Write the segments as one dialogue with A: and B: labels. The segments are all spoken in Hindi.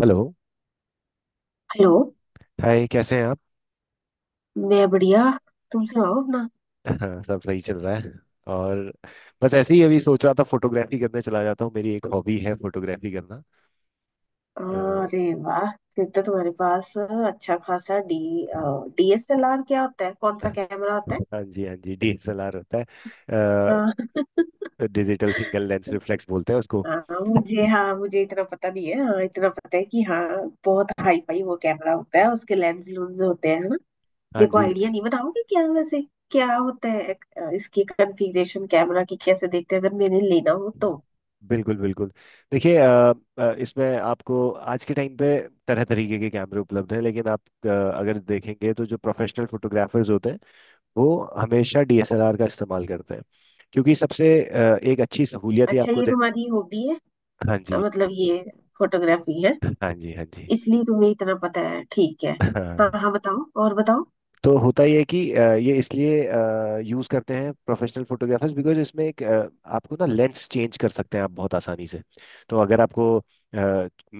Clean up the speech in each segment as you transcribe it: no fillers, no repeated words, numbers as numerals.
A: हेलो।
B: हेलो।
A: हाय, कैसे हैं आप?
B: मैं बढ़िया। तुम सुनाओ अपना।
A: हाँ, सब सही चल रहा है। और बस ऐसे ही अभी सोच रहा था फोटोग्राफी करने चला जाता हूँ। मेरी एक हॉबी है फोटोग्राफी करना। तो
B: अरे वाह, फिर तो तुम्हारे पास अच्छा खासा डी डीएसएलआर क्या होता है? कौन सा कैमरा होता है?
A: हाँ जी, हाँ जी, डीएसएलआर होता है।
B: हाँ।
A: डिजिटल सिंगल लेंस रिफ्लेक्स बोलते हैं उसको।
B: हाँ, मुझे इतना पता नहीं है। हाँ, इतना पता है कि हाँ, बहुत हाई फाई वो कैमरा होता है, उसके लेंस लूंस होते हैं, है ना।
A: हाँ
B: मेरे को
A: जी।
B: आइडिया नहीं, बताओगे क्या वैसे क्या होता है? इसकी कॉन्फ़िगरेशन कैमरा की कैसे देखते हैं अगर मैंने लेना हो तो?
A: बिल्कुल बिल्कुल। देखिए, इसमें आपको आज के टाइम पे तरह तरीके के कैमरे उपलब्ध हैं। लेकिन आप अगर देखेंगे तो जो प्रोफेशनल फोटोग्राफर्स होते हैं वो हमेशा डीएसएलआर का इस्तेमाल करते हैं। क्योंकि सबसे एक अच्छी सहूलियत ही
B: अच्छा,
A: आपको।
B: ये तुम्हारी हॉबी है,
A: हाँ जी,
B: मतलब ये फोटोग्राफी है,
A: हाँ जी, हाँ जी।
B: इसलिए तुम्हें इतना पता है। ठीक है। हाँ
A: हाँ
B: हाँ, बताओ और बताओ।
A: तो होता ही है कि ये इसलिए यूज़ करते हैं प्रोफेशनल फोटोग्राफर्स, बिकॉज इसमें एक आपको ना लेंस चेंज कर सकते हैं आप बहुत आसानी से। तो अगर आपको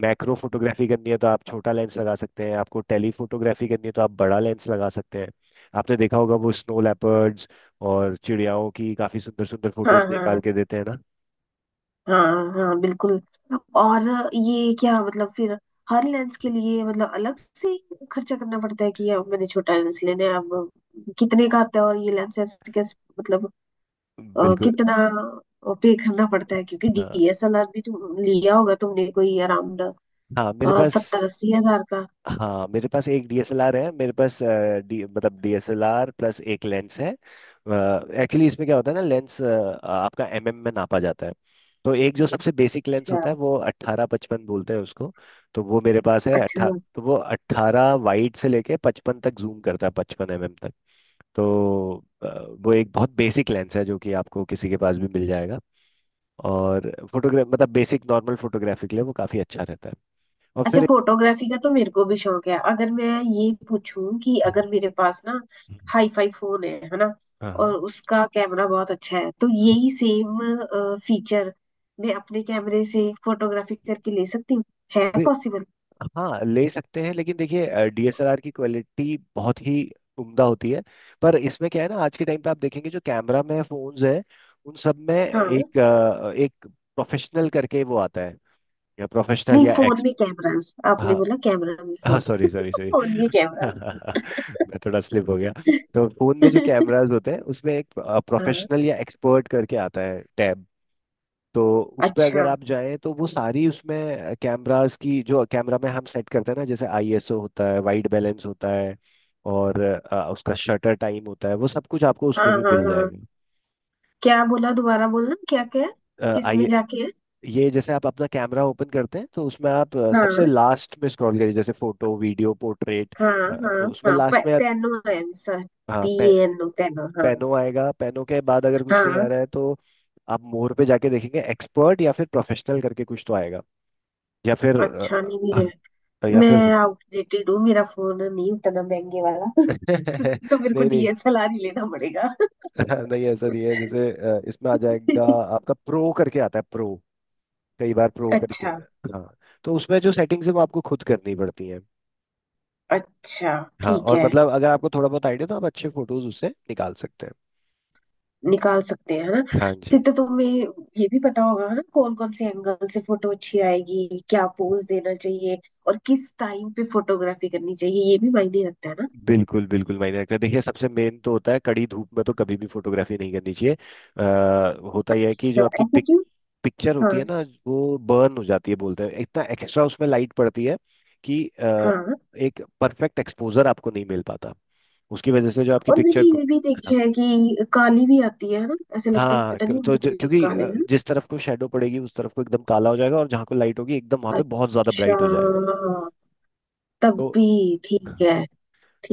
A: मैक्रो फोटोग्राफी करनी है तो आप छोटा लेंस लगा सकते हैं, आपको टेली फोटोग्राफी करनी है तो आप बड़ा लेंस लगा सकते हैं। आपने देखा होगा वो स्नो लेपर्ड्स और चिड़ियाओं की काफ़ी सुंदर सुंदर
B: हाँ
A: फोटोज निकाल
B: हाँ।
A: के देते हैं ना।
B: हाँ हाँ बिल्कुल। और ये क्या मतलब? फिर हर लेंस के लिए मतलब अलग से ही खर्चा करना पड़ता है कि अब मैंने छोटा लेंस लेना है? अब कितने का आता है और ये लेंसेज कैसे, मतलब
A: बिल्कुल।
B: कितना पे करना पड़ता है? क्योंकि
A: हाँ।
B: डीएसएलआर भी तुम लिया होगा तुमने कोई अराउंड
A: हाँ मेरे पास
B: 70-80 हजार का।
A: हाँ मेरे पास एक डीएसएलआर है। मेरे पास डी मतलब डीएसएलआर प्लस एक लेंस है। एक्चुअली इसमें क्या होता है ना, लेंस आपका एमएम में नापा जाता है। तो एक जो सबसे बेसिक लेंस
B: अच्छा
A: होता है वो अट्ठारह पचपन बोलते हैं उसको। तो वो मेरे पास है
B: अच्छा।
A: अट्ठा तो वो अट्ठारह वाइड से लेके पचपन तक जूम करता है, पचपन एमएम तक। तो अ, वो एक बहुत बेसिक लेंस है जो कि आपको किसी के पास भी मिल जाएगा। और फोटोग्राफ मतलब बेसिक नॉर्मल फोटोग्राफी के लिए वो काफ़ी अच्छा रहता है। और
B: अच्छा,
A: फिर
B: फोटोग्राफी का तो मेरे को भी शौक है। अगर मैं ये पूछूं कि अगर मेरे पास ना
A: हम्म,
B: हाई फाई फोन है ना, और
A: हाँ।
B: उसका कैमरा बहुत अच्छा है, तो यही सेम फीचर मैं अपने कैमरे से फोटोग्राफी करके ले सकती हूँ? है
A: भी-
B: पॉसिबल?
A: हाँ ले सकते हैं, लेकिन देखिए डीएसएलआर की क्वालिटी बहुत ही उम्दा होती है। पर इसमें क्या है ना, आज के टाइम पे आप देखेंगे जो कैमरा में फोन्स हैं उन सब में
B: हाँ।
A: एक एक प्रोफेशनल करके वो आता है, या प्रोफेशनल
B: नहीं,
A: या
B: फोन
A: एक्स।
B: में कैमरास, आपने
A: हाँ।
B: बोला कैमरा में
A: हाँ
B: phone.
A: Sorry sorry sorry
B: phone में कैमरास।
A: मैं थोड़ा स्लिप हो गया। तो फोन में जो कैमरास होते हैं उसमें एक प्रोफेशनल
B: हाँ।
A: या एक्सपर्ट करके आता है टैब। तो उस पर अगर
B: अच्छा।
A: आप जाएं तो वो सारी उसमें कैमरास की, जो कैमरा में हम सेट करते हैं ना, जैसे आईएसओ होता है, वाइट बैलेंस होता है और उसका शटर टाइम होता है, वो सब कुछ आपको
B: हाँ
A: उसमें भी
B: हाँ
A: मिल
B: हाँ,
A: जाएगा।
B: क्या बोला दोबारा, बोलना क्या क्या है,
A: अ,
B: किस
A: आई
B: में जाके है?
A: ये जैसे आप अपना कैमरा ओपन करते हैं तो उसमें आप सबसे
B: हाँ
A: लास्ट में स्क्रॉल करिए, जैसे फोटो वीडियो पोर्ट्रेट।
B: हाँ हाँ
A: उसमें
B: हाँ पे,
A: लास्ट में आप-
B: पेनो है आंसर।
A: हाँ
B: पी एन ओ, पेनो। हाँ
A: पेनो आएगा। पेनो के बाद अगर कुछ नहीं आ
B: हाँ।
A: रहा है तो आप मोर पे जाके देखेंगे एक्सपर्ट या फिर प्रोफेशनल करके कुछ तो आएगा। या फिर
B: अच्छा, नहीं मेरे,
A: अ, या
B: मैं
A: फिर
B: आउटडेटेड हूँ, मेरा फोन नहीं उतना महंगे वाला। तो मेरे को
A: नहीं नहीं।
B: डीएसएलआर ही लेना पड़ेगा।
A: नहीं ऐसा नहीं है, जैसे इसमें आ जाएगा आपका प्रो करके आता है, प्रो। कई बार प्रो करके।
B: अच्छा।
A: हाँ। तो उसमें जो सेटिंग्स है वो आपको खुद करनी पड़ती हैं।
B: अच्छा।
A: हाँ,
B: ठीक
A: और
B: है,
A: मतलब अगर आपको थोड़ा बहुत आइडिया तो आप अच्छे फोटोज उससे निकाल सकते हैं।
B: निकाल सकते हैं है ना।
A: हाँ जी।
B: फिर तो तुम्हें ये भी पता होगा, है ना, कौन कौन से एंगल से फोटो अच्छी आएगी, क्या पोज देना चाहिए, और किस टाइम पे फोटोग्राफी करनी चाहिए ये भी मायने रखता है ना।
A: बिल्कुल बिल्कुल मायने रखता है। देखिए सबसे मेन तो होता है कड़ी धूप में तो कभी भी फोटोग्राफी नहीं करनी चाहिए। आ, होता यह है कि जो
B: तो
A: आपकी
B: ऐसा क्यों?
A: पिक्चर
B: हाँ।
A: होती है ना वो बर्न हो जाती है बोलते हैं, इतना एक्स्ट्रा उसमें लाइट पड़ती है कि
B: हाँ,
A: एक परफेक्ट एक्सपोजर आपको नहीं मिल पाता, उसकी वजह से जो आपकी
B: और मैंने
A: पिक्चर को।
B: ये भी देखा है कि काली भी आती है ना, ऐसे लगता है कि पता नहीं हम कितने
A: क्योंकि
B: काले हैं ना।
A: जिस तरफ को शेडो पड़ेगी उस तरफ को एकदम काला हो जाएगा, और जहाँ को लाइट होगी एकदम वहां पे बहुत ज्यादा
B: अच्छा।
A: ब्राइट हो जाएगा।
B: तब
A: तो
B: भी ठीक है।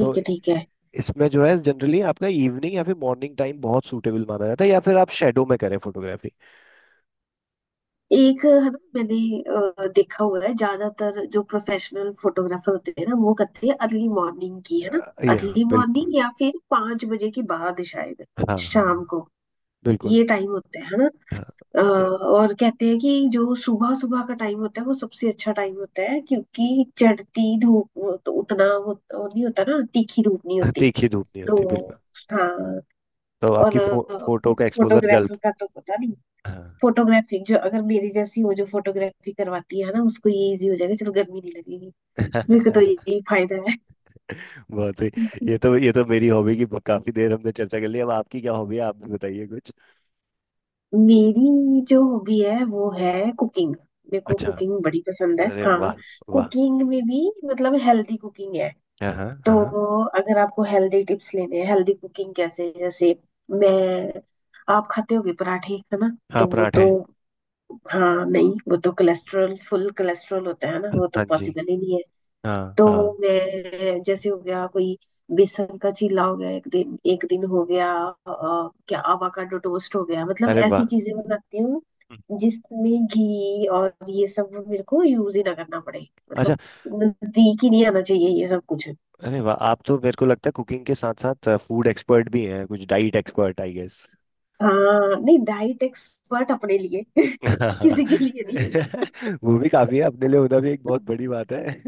A: तो
B: है ठीक है।
A: इसमें जो है जनरली आपका इवनिंग या फिर मॉर्निंग टाइम बहुत सूटेबल माना जाता है, या फिर आप शेडो में करें फोटोग्राफी।
B: एक है ना, मैंने देखा हुआ है, ज्यादातर जो प्रोफेशनल फोटोग्राफर होते हैं ना वो करते हैं अर्ली मॉर्निंग की, है ना।
A: ये हाँ,
B: अर्ली
A: बिल्कुल।
B: मॉर्निंग या फिर 5 बजे के बाद शायद
A: हाँ हाँ।
B: शाम को,
A: बिल्कुल।
B: ये टाइम होता है ना।
A: हाँ। ये-
B: और कहते हैं कि जो सुबह सुबह का टाइम होता है वो सबसे अच्छा टाइम होता है क्योंकि चढ़ती धूप, वो तो उतना वो नहीं होता ना, तीखी धूप नहीं होती।
A: तीखी धूप नहीं होती, बिल्कुल।
B: तो हाँ।
A: तो
B: और
A: आपकी फोटो का एक्सपोजर जल्द।
B: फोटोग्राफर का तो पता नहीं,
A: हाँ।
B: फोटोग्राफी जो अगर मेरी जैसी हो, जो फोटोग्राफी करवाती है ना, उसको ये इजी हो जाएगा, चलो गर्मी नहीं लगेगी। मेरे को तो यही फायदा है।
A: बहुत सही। ये तो मेरी हॉबी की काफी देर हमने चर्चा कर ली, अब आपकी क्या हॉबी है आप भी बताइए कुछ।
B: मेरी जो हॉबी है वो है कुकिंग। मेरे को
A: अच्छा।
B: कुकिंग बड़ी पसंद है।
A: अरे
B: हाँ,
A: वाह। वाह।
B: कुकिंग में भी मतलब हेल्दी कुकिंग है।
A: हाँ हाँ।
B: तो
A: हाँ,
B: अगर आपको हेल्दी टिप्स लेने हैं, हेल्दी कुकिंग कैसे, जैसे मैं, आप खाते होगे पराठे, है ना?
A: हाँ
B: तो वो तो
A: पराठे।
B: हाँ, नहीं वो तो कोलेस्ट्रॉल, फुल कोलेस्ट्रॉल होता है ना, वो तो
A: हाँ जी।
B: पॉसिबल ही नहीं है।
A: हाँ
B: तो
A: हाँ।
B: मैं, जैसे हो गया कोई बेसन का चीला हो गया एक दिन, एक दिन हो गया क्या आवाकाडो टोस्ट हो गया, मतलब
A: अरे वाह।
B: ऐसी चीजें बनाती हूँ
A: हम्म।
B: जिसमें घी और ये सब मेरे को यूज ही ना करना पड़े,
A: अच्छा।
B: मतलब नजदीक ही नहीं आना चाहिए ये सब कुछ।
A: अरे वाह, आप तो मेरे को लगता है कुकिंग के साथ साथ फूड एक्सपर्ट भी हैं, कुछ डाइट एक्सपर्ट आई गेस।
B: हाँ, नहीं डाइट एक्सपर्ट अपने लिए। किसी के लिए नहीं।
A: वो भी काफी है, अपने लिए होना भी एक बहुत बड़ी बात है।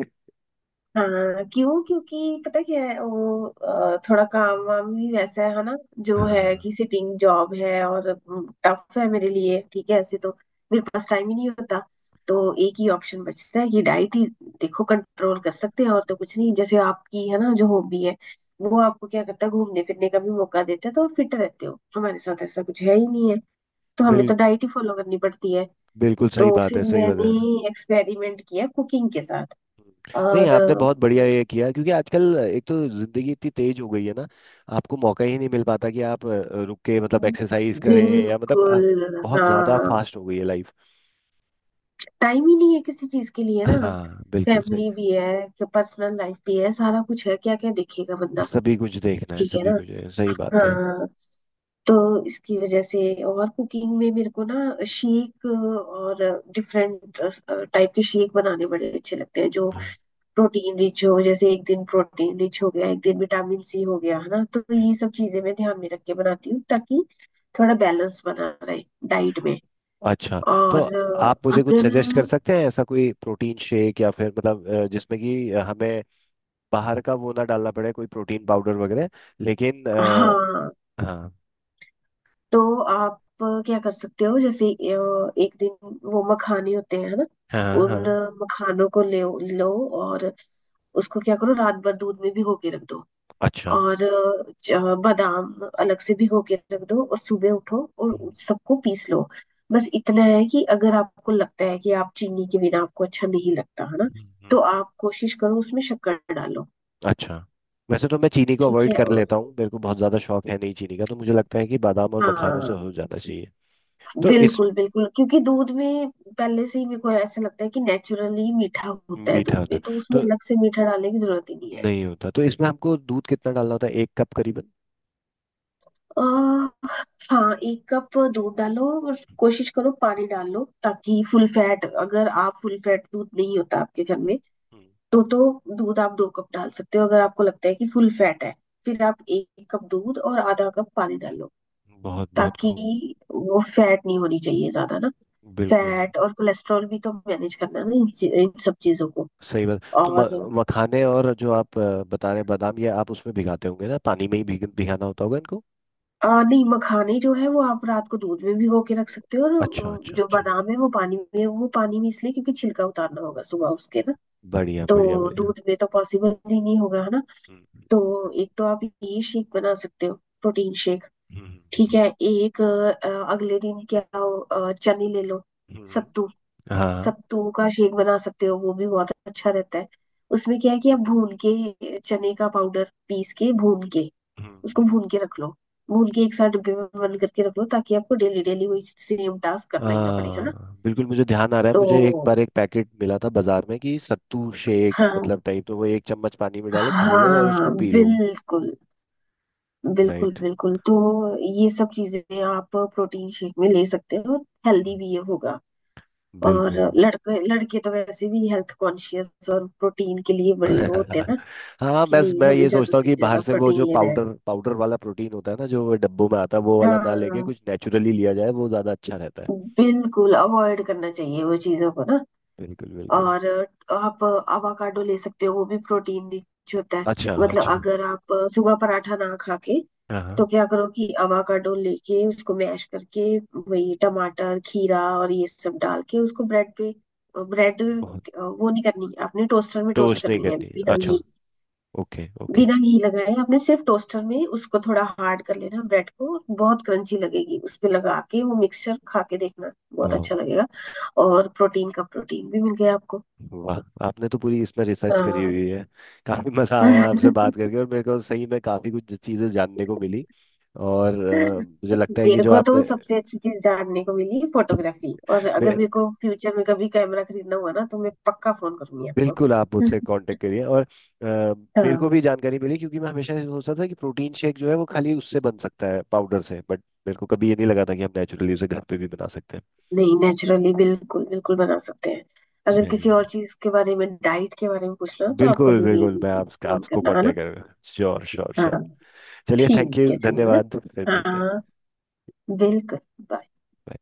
B: हाँ, क्यों? क्योंकि पता क्या है, वो थोड़ा काम वाम भी वैसा है ना, जो है
A: हाँ।
B: कि सिटिंग जॉब है और टफ है मेरे लिए, ठीक है ऐसे तो। मेरे पास टाइम ही नहीं होता, तो एक ही ऑप्शन बचता है कि डाइट ही, देखो, कंट्रोल कर सकते हैं और तो कुछ नहीं। जैसे आपकी है ना जो हॉबी है, वो आपको क्या करता है, घूमने फिरने का भी मौका देता है, तो फिट रहते हो। हमारे साथ ऐसा कुछ है ही नहीं है, तो हमें
A: बिल
B: तो डाइट ही फॉलो करनी पड़ती है।
A: बिल्कुल सही
B: तो
A: बात है,
B: फिर
A: सही बात
B: मैंने
A: है।
B: एक्सपेरिमेंट किया कुकिंग के साथ
A: नहीं
B: और
A: आपने बहुत बढ़िया ये किया, क्योंकि आजकल एक तो जिंदगी इतनी तेज हो गई है ना, आपको मौका ही नहीं मिल पाता कि आप रुक के मतलब एक्सरसाइज करें या मतलब
B: बिल्कुल
A: बहुत
B: हाँ।
A: ज्यादा फास्ट हो गई है लाइफ।
B: टाइम ही नहीं है किसी चीज के लिए ना।
A: हाँ बिल्कुल सही।
B: फैमिली भी है, पर्सनल लाइफ भी है, सारा कुछ है, क्या क्या देखेगा बंदा।
A: सभी कुछ देखना है,
B: ठीक है
A: सभी
B: ना।
A: कुछ है, सही बात है।
B: हाँ। तो इसकी वजह से। और कुकिंग में मेरे को ना शेक, और डिफरेंट टाइप के शेक बनाने बड़े अच्छे लगते हैं जो
A: हाँ।
B: प्रोटीन रिच हो। जैसे एक दिन प्रोटीन रिच हो गया, एक दिन विटामिन सी हो गया, है ना, तो ये सब चीजें मैं ध्यान में रख के बनाती हूँ ताकि थोड़ा बैलेंस बना रहे डाइट में।
A: अच्छा तो
B: और
A: आप मुझे कुछ
B: अगर
A: सजेस्ट कर सकते हैं ऐसा कोई प्रोटीन शेक या फिर मतलब जिसमें कि हमें बाहर का वो ना डालना पड़े कोई प्रोटीन पाउडर वगैरह, लेकिन अ,
B: हाँ,
A: हाँ।
B: तो आप क्या कर सकते हो, जैसे एक दिन वो मखाने होते हैं है ना,
A: हाँ
B: उन
A: हाँ।
B: मखानों को ले लो और उसको क्या करो, रात भर दूध में भिगो के रख दो।
A: अच्छा।
B: और बादाम अलग से भिगो के रख दो और सुबह उठो और
A: हम्म,
B: उस सबको पीस लो। बस इतना है कि अगर आपको लगता है कि आप चीनी के बिना आपको अच्छा नहीं लगता है ना,
A: हम्म,
B: तो
A: हम्म।
B: आप कोशिश करो, उसमें शक्कर डालो।
A: अच्छा वैसे तो मैं चीनी को
B: ठीक
A: अवॉइड
B: है।
A: कर
B: और
A: लेता हूँ, मेरे को बहुत ज़्यादा शौक है नहीं चीनी का, तो मुझे लगता है कि बादाम और मखानों से
B: हाँ,
A: हो जाना चाहिए। तो इस
B: बिल्कुल बिल्कुल, क्योंकि दूध में पहले से ही मेरे को ऐसा लगता है कि नेचुरली मीठा होता है
A: मीठा
B: दूध
A: होता
B: में, तो उसमें
A: तो
B: अलग से मीठा डालने की जरूरत ही नहीं है।
A: नहीं होता तो इसमें हमको दूध कितना डालना होता है, एक कप करीबन?
B: आ, हाँ, 1 कप दूध डालो, और कोशिश करो पानी डाल लो ताकि फुल फैट, अगर आप फुल फैट दूध नहीं होता आपके घर
A: हम्म,
B: में,
A: हम्म।
B: तो दूध आप 2 कप डाल सकते हो। अगर आपको लगता है कि फुल फैट है, फिर आप 1 कप दूध और आधा कप पानी डालो,
A: बहुत बहुत
B: ताकि
A: खूब।
B: वो फैट नहीं होनी चाहिए ज्यादा ना।
A: बिल्कुल।
B: फैट और कोलेस्ट्रॉल भी तो मैनेज करना है ना इन सब चीजों को।
A: सही बात। तो
B: और
A: मखाने और जो आप बता रहे हैं बादाम, ये आप उसमें भिगाते होंगे ना पानी में ही भिगाना होता होगा इनको?
B: नहीं, मखाने जो है वो आप रात को दूध में भिगो के रख सकते हो, और
A: अच्छा अच्छा
B: जो
A: अच्छा।
B: बादाम है वो पानी में, वो पानी में इसलिए क्योंकि छिलका उतारना होगा सुबह उसके ना,
A: बढ़िया बढ़िया
B: तो
A: बढ़िया।
B: दूध में तो पॉसिबल ही नहीं होगा, है ना।
A: हम्म।
B: तो एक तो आप ये शेक बना सकते हो, प्रोटीन शेक।
A: हम्म।
B: ठीक
A: हम्म।
B: है। एक अगले दिन क्या हो, चने ले लो।
A: हम्म।
B: सत्तू,
A: हाँ।
B: सत्तू का शेक बना सकते हो, वो भी बहुत अच्छा रहता है। उसमें क्या है कि आप भून के चने का पाउडर पीस के भून के, उसको
A: हम्म।
B: भून के रख लो, भून के एक साथ डिब्बे में बंद करके रख लो ताकि आपको डेली डेली वही सेम टास्क करना ही ना पड़े, है ना।
A: हाँ बिल्कुल, मुझे ध्यान आ रहा है, मुझे एक बार
B: तो
A: एक पैकेट मिला था बाजार में कि सत्तू शेक
B: हाँ।
A: मतलब टाइप, तो वो एक चम्मच पानी में डालो घोलो और उसको
B: हाँ
A: पी लो।
B: बिल्कुल। बिल्कुल
A: राइट।
B: बिल्कुल, तो ये सब चीजें आप प्रोटीन शेक में ले सकते हो, हेल्दी
A: हम्म।
B: भी ये होगा। और
A: बिल्कुल।
B: लड़के लड़के तो वैसे भी हेल्थ कॉन्शियस और प्रोटीन के लिए बड़े वो होते हैं ना,
A: हाँ
B: कि
A: मैं
B: नहीं हमें
A: ये
B: ज्यादा
A: सोचता हूँ
B: से
A: कि बाहर
B: ज्यादा
A: से वो
B: प्रोटीन
A: जो
B: लेना है।
A: पाउडर पाउडर वाला प्रोटीन होता है ना, जो डब्बों में आता है वो वाला ना लेके
B: हाँ,
A: कुछ नेचुरली लिया जाए वो ज्यादा अच्छा रहता है।
B: बिल्कुल अवॉइड करना चाहिए वो चीजों को ना।
A: बिल्कुल बिल्कुल।
B: और आप अवाकाडो ले सकते हो, वो भी प्रोटीन रिच होता है।
A: अच्छा
B: मतलब
A: अच्छा।
B: अगर आप सुबह पराठा ना खा के,
A: हाँ हाँ।
B: तो क्या करो कि अवाकाडो लेके उसको मैश करके, वही टमाटर खीरा और ये सब डाल के उसको ब्रेड पे, ब्रेड
A: बहुत।
B: वो नहीं करनी है, आपने टोस्टर में टोस्ट
A: टोस्ट नहीं
B: करनी है
A: करनी,
B: बिना
A: अच्छा।
B: घी,
A: ओके ओके।
B: बिना घी लगाए, आपने सिर्फ टोस्टर में उसको थोड़ा हार्ड कर लेना, ब्रेड को बहुत क्रंची लगेगी, उस पे लगा के वो मिक्सचर खा के देखना, बहुत
A: वाह।
B: अच्छा लगेगा। और प्रोटीन का प्रोटीन भी मिल गया आपको।
A: वाह आपने तो पूरी इसमें रिसर्च करी
B: हाँ,
A: हुई है। काफी मजा आया आपसे बात करके और मेरे को सही में काफी कुछ चीजें जानने को
B: मेरे
A: मिली। और मुझे लगता है कि जो
B: को तो
A: आपने।
B: सबसे अच्छी चीज जानने को मिली फोटोग्राफी, और अगर मेरे को फ्यूचर में कभी कैमरा खरीदना हुआ ना, तो मैं पक्का फोन करूंगी आपको।
A: बिल्कुल, आप मुझसे कांटेक्ट करिए, और मेरे को
B: हाँ,
A: भी जानकारी मिली क्योंकि मैं हमेशा ये सोचता था कि प्रोटीन शेक जो है वो खाली उससे बन सकता है पाउडर से, बट मेरे को कभी ये नहीं लगा था कि हम नेचुरली उसे घर पे भी बना सकते हैं।
B: नहीं नेचुरली बिल्कुल बिल्कुल बना सकते हैं। अगर किसी
A: चलिए।
B: और चीज के बारे में, डाइट के बारे में पूछना हो, तो आप
A: बिल्कुल
B: कभी भी
A: बिल्कुल, मैं
B: फोन
A: आपको
B: करना, है ना।
A: कांटेक्ट करूंगा, श्योर श्योर
B: हाँ।
A: श्योर। चलिए थैंक
B: ठीक
A: यू,
B: है, चलो, है
A: धन्यवाद, फिर
B: ना।
A: मिलते हैं।
B: हाँ, बिल्कुल।
A: Bye.